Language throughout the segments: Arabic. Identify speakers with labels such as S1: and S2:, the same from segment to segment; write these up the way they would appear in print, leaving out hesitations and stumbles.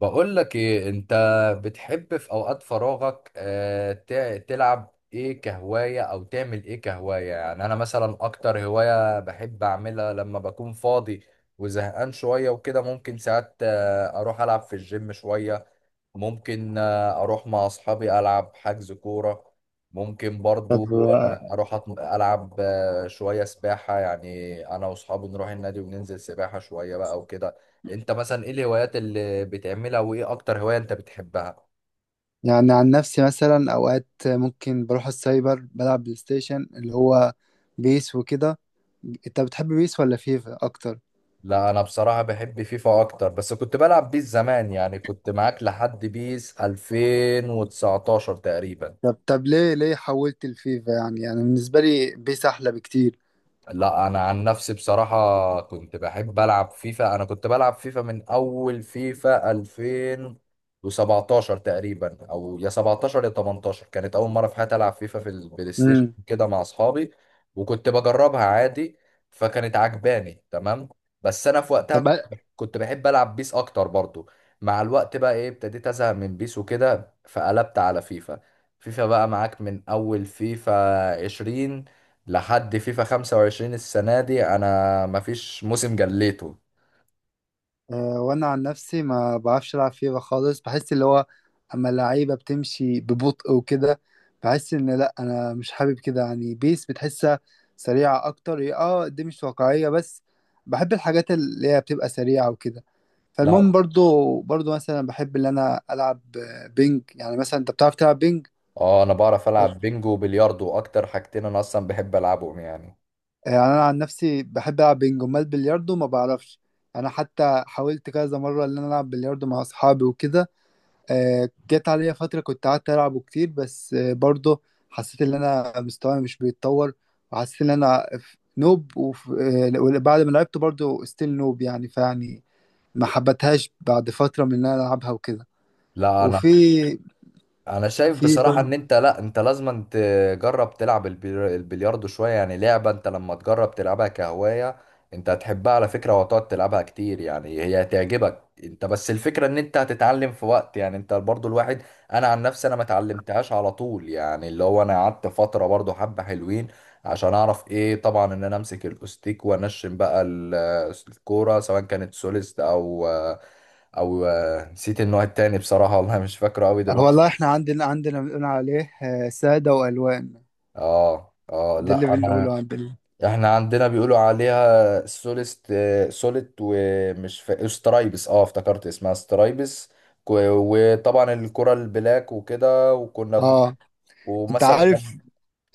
S1: بقول لك ايه انت بتحب في اوقات فراغك تلعب ايه كهواية او تعمل ايه كهواية؟ يعني انا مثلا اكتر هواية بحب اعملها لما بكون فاضي وزهقان شوية وكده ممكن ساعات اروح العب في الجيم شوية. ممكن اروح مع اصحابي العب حجز كوره. ممكن
S2: طب.
S1: برضو العب شويه سباحه، يعني انا واصحابي نروح النادي وننزل سباحه شويه بقى وكده. انت مثلا ايه الهوايات اللي بتعملها، وايه اكتر هوايه انت بتحبها؟
S2: يعني عن نفسي مثلا اوقات ممكن بروح السايبر بلعب بلاي ستيشن اللي هو بيس وكده. انت بتحب بيس ولا فيفا اكتر؟
S1: لا انا بصراحه بحب فيفا اكتر، بس كنت بلعب بيس زمان، يعني كنت معاك لحد بيس 2019 تقريبا.
S2: طب، ليه حولت الفيفا؟ يعني انا يعني بالنسبه لي بيس احلى بكتير.
S1: لا انا عن نفسي بصراحة كنت بحب العب فيفا، انا كنت بلعب فيفا من اول فيفا 2017 تقريبا، او يا 17 يا 18 كانت اول مرة في حياتي العب فيفا في البلاي ستيشن
S2: امم.
S1: كده مع اصحابي. وكنت بجربها عادي، فكانت عجباني تمام. بس انا في وقتها
S2: طب،
S1: كنت بحب العب بيس اكتر برضو. مع الوقت بقى ايه ابتديت ازهق من بيس وكده فقلبت على فيفا. فيفا بقى معاك من اول فيفا 20 لحد فيفا 25، السنة دي أنا مفيش موسم جليته.
S2: وانا عن نفسي ما بعرفش العب فيفا خالص. بحس اللي هو اما اللعيبه بتمشي ببطء وكده، بحس ان لا انا مش حابب كده. يعني بيس بتحسها سريعه اكتر، هي اه دي مش واقعيه بس بحب الحاجات اللي هي بتبقى سريعه وكده. فالمهم
S1: لا،
S2: برضو مثلا بحب ان انا العب بينج. يعني مثلا انت بتعرف تلعب بينج؟
S1: اه، أنا بعرف
S2: آه،
S1: ألعب بينجو وبلياردو، أكتر حاجتين أنا أصلا بحب ألعبهم يعني.
S2: يعني انا عن نفسي بحب العب بينج، امال بلياردو ما بعرفش. انا حتى حاولت كذا مره ان انا العب بلياردو مع اصحابي وكده. جت عليا فترة كنت قعدت ألعبه كتير، بس برضه حسيت إن أنا مستواي مش بيتطور، وحسيت إن أنا نوب، وف- آه، وبعد ما لعبته برضه ستيل نوب يعني. فيعني ما حبتهاش بعد فترة من إن أنا ألعبها وكده.
S1: لا أنا
S2: وفي
S1: انا شايف
S2: في
S1: بصراحة
S2: بن-
S1: ان انت لا انت لازم تجرب تلعب البلياردو شوية، يعني لعبة انت لما تجرب تلعبها كهواية انت هتحبها على فكرة، وهتقعد تلعبها كتير، يعني هي هتعجبك انت، بس الفكرة ان انت هتتعلم في وقت، يعني انت برضو الواحد. انا عن نفسي ما اتعلمتهاش على طول، يعني اللي هو انا قعدت فترة برضو حبة حلوين عشان اعرف ايه، طبعا ان انا امسك الاوستيك وانشن بقى الكورة، سواء كانت سوليست او نسيت النوع التاني بصراحة، والله مش فاكره قوي دلوقتي.
S2: والله إحنا عندنا بنقول عليه سادة وألوان.
S1: اه، اه،
S2: ده اللي
S1: لا
S2: بنقوله
S1: انا
S2: عندنا.
S1: احنا عندنا بيقولوا عليها سوليست، سوليت، ومش سترايبس، اه افتكرت اسمها سترايبس. وطبعا الكرة البلاك وكده، وكنا
S2: آه أنت عارف،
S1: ومثلا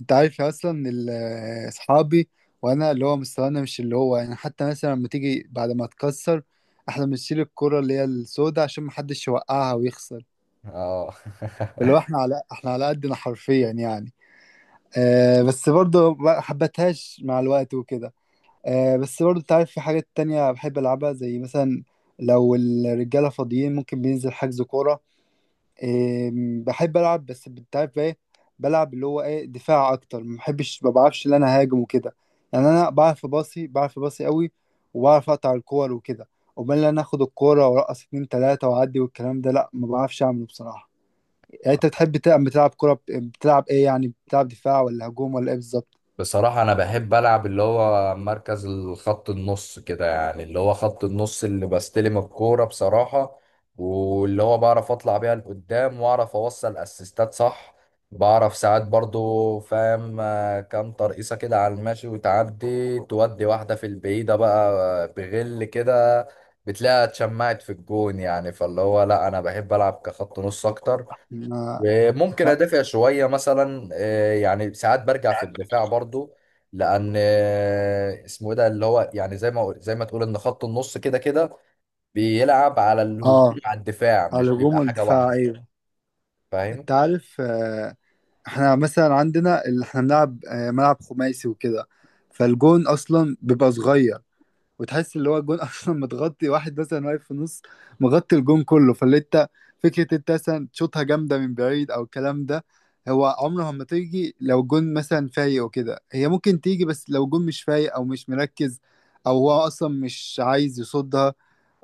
S2: انت عارف اصلا اصحابي وانا اللي هو مستوانا مش اللي هو يعني. حتى مثلا لما تيجي بعد ما اتكسر، احنا بنشيل الكرة اللي هي السوداء عشان محدش يوقعها ويخسر.
S1: اه.
S2: اللي هو احنا على قدنا حرفيا يعني. آه بس برضه ما حبتهاش مع الوقت وكده. آه بس برضه انت عارف في حاجات تانية بحب العبها، زي مثلا لو الرجالة فاضيين ممكن بننزل حجز كورة. بحب العب، بس انت عارف ايه، بلعب اللي هو ايه دفاع اكتر. ما بحبش ما بعرفش ان انا هاجم وكده. يعني انا بعرف باصي، بعرف باصي قوي، وبعرف اقطع الكور وكده. امال ان انا اخد الكوره وارقص اتنين تلاته واعدي والكلام ده، لا، ما بعرفش اعمله بصراحه. يعني انت بتحب تلعب، بتلعب كوره بتلعب ايه يعني؟ بتلعب دفاع ولا هجوم ولا ايه بالظبط؟
S1: بصراحة أنا بحب ألعب اللي هو مركز الخط النص كده، يعني اللي هو خط النص اللي بستلم الكورة بصراحة، واللي هو بعرف أطلع بيها لقدام، وأعرف أوصل أسيستات صح. بعرف ساعات برضو فاهم كام ترقيصة كده على الماشي، وتعدي تودي واحدة في البعيدة بقى، بغل كده، بتلاقيها اتشمعت في الجون يعني. فاللي هو لأ، أنا بحب ألعب كخط نص أكتر.
S2: ما-
S1: ممكن ادافع شويه مثلا يعني ساعات برجع في الدفاع برضو، لان اسمه ايه ده اللي هو، يعني زي ما تقول ان خط النص كده كده بيلعب على الهجوم
S2: اه
S1: على الدفاع، مش
S2: على الهجوم
S1: بيبقى حاجه
S2: والدفاع،
S1: واحده.
S2: ايوه.
S1: فاهم.
S2: انت عارف احنا مثلا عندنا اللي احنا بنلعب ملعب خماسي وكده. فالجون اصلا بيبقى صغير، وتحس اللي هو الجون اصلا متغطي، واحد مثلا واقف في النص مغطي الجون كله. فاللي انت فكره انت مثلا تشوطها جامده من بعيد او الكلام ده، هو عمره ما تيجي. لو الجون مثلا فايق وكده هي ممكن تيجي، بس لو الجون مش فايق او مش مركز او هو اصلا مش عايز يصدها.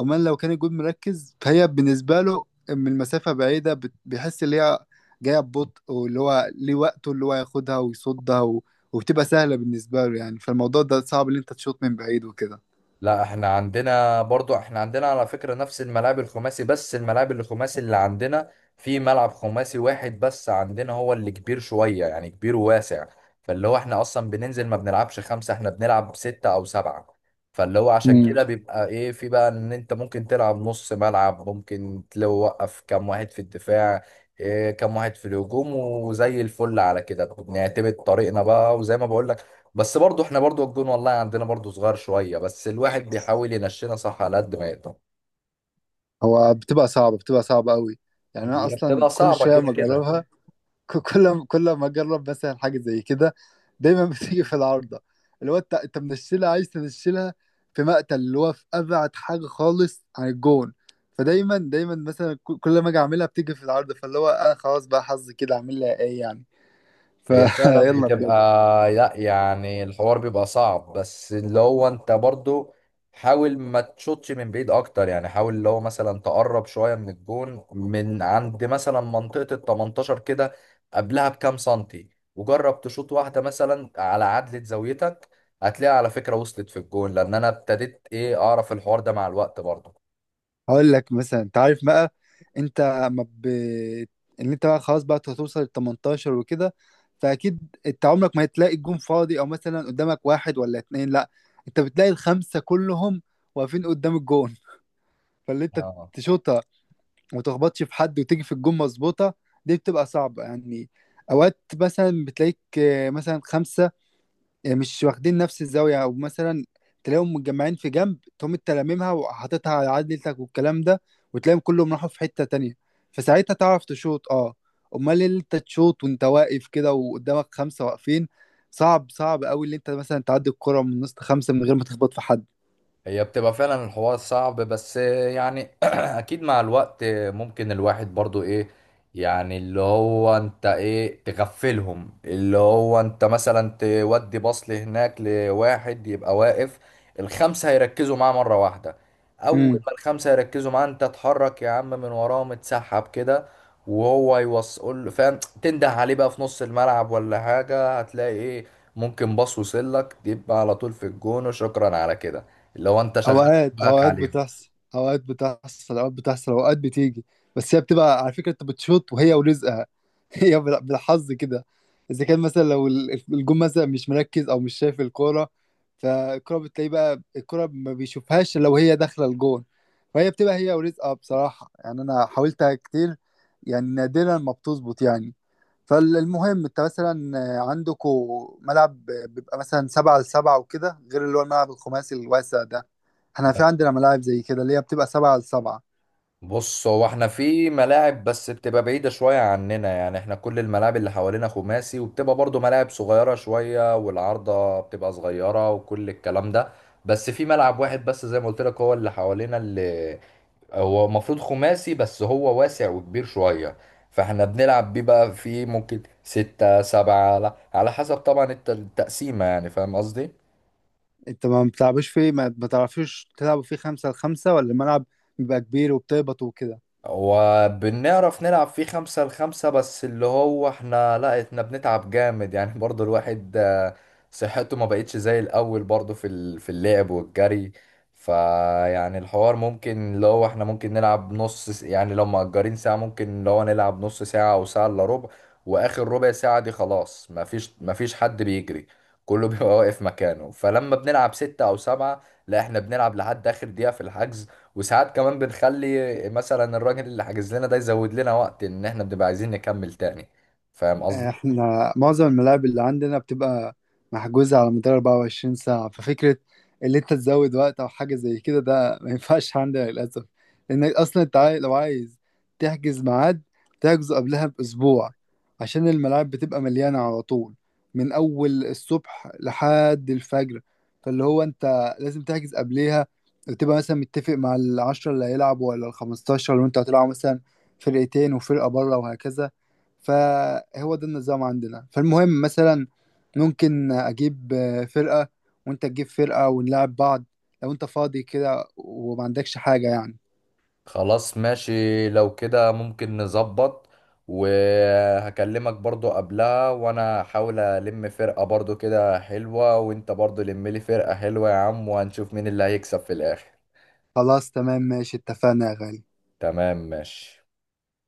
S2: امال لو كان الجون مركز، فهي بالنسبه له من مسافه بعيده بيحس ان هي جايه ببطء، واللي هو ليه وقته اللي هو ياخدها ويصدها، و... وبتبقى سهله بالنسبه له يعني. فالموضوع ده صعب ان انت تشوط من بعيد وكده.
S1: لا احنا عندنا على فكرة نفس الملاعب الخماسي، بس الملاعب الخماسي اللي عندنا، في ملعب خماسي واحد بس عندنا هو اللي كبير شوية، يعني كبير وواسع. فاللي هو احنا اصلا بننزل ما بنلعبش خمسة، احنا بنلعب ستة او سبعة. فاللي هو عشان
S2: امم.
S1: كده بيبقى ايه في بقى، ان انت ممكن تلعب نص ملعب، ممكن توقف كام واحد في الدفاع، إيه كام واحد في الهجوم، وزي الفل على كده بنعتمد طريقنا بقى، وزي ما بقول. بس برضو احنا برضو الجون والله عندنا برضو صغير شوية، بس الواحد بيحاول ينشنا صح على قد ما يقدر.
S2: هو بتبقى صعبة، بتبقى صعبة قوي. يعني أنا
S1: هي
S2: أصلا
S1: بتبقى
S2: كل
S1: صعبة
S2: شوية
S1: كده
S2: ما
S1: كده.
S2: أجربها، كل ما أجرب مثلا حاجة زي كده دايما بتيجي في العارضة. اللي هو أنت منشلها، عايز تنشلها في مقتل، اللي هو في أبعد حاجة خالص عن الجون. فدايما مثلا كل ما أجي أعملها بتيجي في العارضة. فاللي هو أنا خلاص بقى حظي كده، أعمل لها إيه يعني؟
S1: هي فعلا
S2: فيلا
S1: بتبقى لا يعني الحوار بيبقى صعب، بس اللي هو انت برضو حاول ما تشوطش من بعيد اكتر، يعني حاول اللي هو مثلا تقرب شوية من الجون، من عند مثلا منطقة ال 18 كده، قبلها بكام سنتي، وجرب تشوط واحدة مثلا على عدلة زاويتك. هتلاقيها على فكرة وصلت في الجون، لان انا ابتديت ايه اعرف الحوار ده مع الوقت برضو.
S2: هقول لك مثلا، انت عارف بقى، انت ما ب... ان انت بقى خلاص بقى هتوصل ل 18 وكده. فاكيد انت عمرك ما هتلاقي الجون فاضي او مثلا قدامك واحد ولا اتنين، لا، انت بتلاقي الخمسه كلهم واقفين قدام الجون. فاللي انت تشوطها وما تخبطش في حد وتيجي في الجون مظبوطه، دي بتبقى صعبه يعني. اوقات مثلا بتلاقيك مثلا خمسه يعني مش واخدين نفس الزاوية، أو مثلا تلاقيهم متجمعين في جنب، تقوم انت لاممها وحاططها على عدلتك والكلام ده، وتلاقيهم كلهم راحوا في حتة تانية. فساعتها تعرف تشوط، اه. أمال إيه اللي انت تشوط وانت واقف كده وقدامك خمسة واقفين؟ صعب، صعب قوي اللي انت مثلا تعدي الكرة من نص خمسة من غير ما تخبط في حد.
S1: هي بتبقى فعلا الحوار صعب، بس يعني اكيد مع الوقت ممكن الواحد برضو ايه، يعني اللي هو انت ايه تغفلهم، اللي هو انت مثلا تودي بصل هناك لواحد يبقى واقف، الخمسة هيركزوا معاه مرة واحدة، اول
S2: مم.
S1: ما الخمسة يركزوا معاه انت اتحرك يا عم من وراه، متسحب كده، وهو يوصل فاهم تنده عليه بقى في نص الملعب ولا حاجة، هتلاقي ايه ممكن باص وصلك تبقى على طول في الجون، وشكرا على كده لو انت شغال
S2: اوقات
S1: دماغك
S2: اوقات
S1: عليهم.
S2: بتحصل اوقات بتحصل اوقات بتحصل، اوقات بتيجي. بس هي بتبقى، على فكره، انت بتشوط وهي ورزقها هي بالحظ كده. اذا كان مثلا لو الجون مثلا مش مركز او مش شايف الكوره، فالكوره بتلاقي بقى الكوره ما بيشوفهاش لو هي داخله الجون. فهي بتبقى هي ورزقها بصراحه يعني. انا حاولتها كتير يعني نادرا ما بتظبط يعني. فالمهم انت مثلا عندكم ملعب بيبقى مثلا 7 لـ7 وكده غير اللي هو الملعب الخماسي الواسع ده؟ احنا
S1: لا.
S2: في عندنا ملاعب زي كده اللي هي بتبقى 7 لـ7.
S1: بص هو احنا في ملاعب بس بتبقى بعيدة شوية عننا، يعني احنا كل الملاعب اللي حوالينا خماسي، وبتبقى برضو ملاعب صغيرة شوية، والعارضة بتبقى صغيرة وكل الكلام ده. بس في ملعب واحد بس زي ما قلت لك هو اللي حوالينا، اللي هو المفروض خماسي بس هو واسع وكبير شوية. فاحنا بنلعب بيه بقى، فيه ممكن ستة سبعة على على حسب طبعا التقسيمة، يعني فاهم قصدي؟
S2: انت ما بتلعبوش فيه؟ ما بتعرفوش تلعبوا فيه 5 لـ5 ولا الملعب بيبقى كبير وبتهبطوا وكده؟
S1: وبنعرف نلعب فيه خمسة لخمسة، بس اللي هو احنا لا احنا بنتعب جامد يعني برضو الواحد صحته ما بقتش زي الأول برضو في في اللعب والجري. فيعني الحوار ممكن اللي هو احنا ممكن نلعب يعني لو مأجرين ساعة ممكن اللي هو نلعب نص ساعة أو ساعة إلا ربع، وآخر ربع ساعة دي خلاص مفيش مفيش حد بيجري، كله بيبقى واقف مكانه. فلما بنلعب ستة أو سبعة، لا احنا بنلعب لحد آخر دقيقة في الحجز، وساعات كمان بنخلي مثلا الراجل اللي حاجز لنا ده يزود لنا وقت، ان احنا بنبقى عايزين نكمل تاني. فاهم قصدي؟
S2: احنا معظم الملاعب اللي عندنا بتبقى محجوزة على مدار 24 ساعة. ففكرة اللي انت تزود وقت او حاجة زي كده، ده ما ينفعش عندنا للأسف. لانك اصلا انت لو عايز تحجز ميعاد تحجزه قبلها باسبوع، عشان الملاعب بتبقى مليانة على طول من اول الصبح لحد الفجر. فاللي هو انت لازم تحجز قبليها، وتبقى مثلا متفق مع العشرة اللي هيلعبوا ولا الخمستاشر، وانت هتلعب مثلا فرقتين وفرقة بره وهكذا. فهو ده النظام عندنا. فالمهم مثلا ممكن اجيب فرقة وانت تجيب فرقة ونلعب بعض، لو انت فاضي كده وما عندكش حاجة يعني.
S1: خلاص ماشي، لو كده ممكن نظبط، وهكلمك برضو قبلها، وانا هحاول الم فرقة برضو كده حلوة، وانت برضو لم لي فرقة حلوة يا عم، وهنشوف مين اللي هيكسب في الاخر.
S2: خلاص تمام ماشي، اتفقنا يا غالي.
S1: تمام ماشي.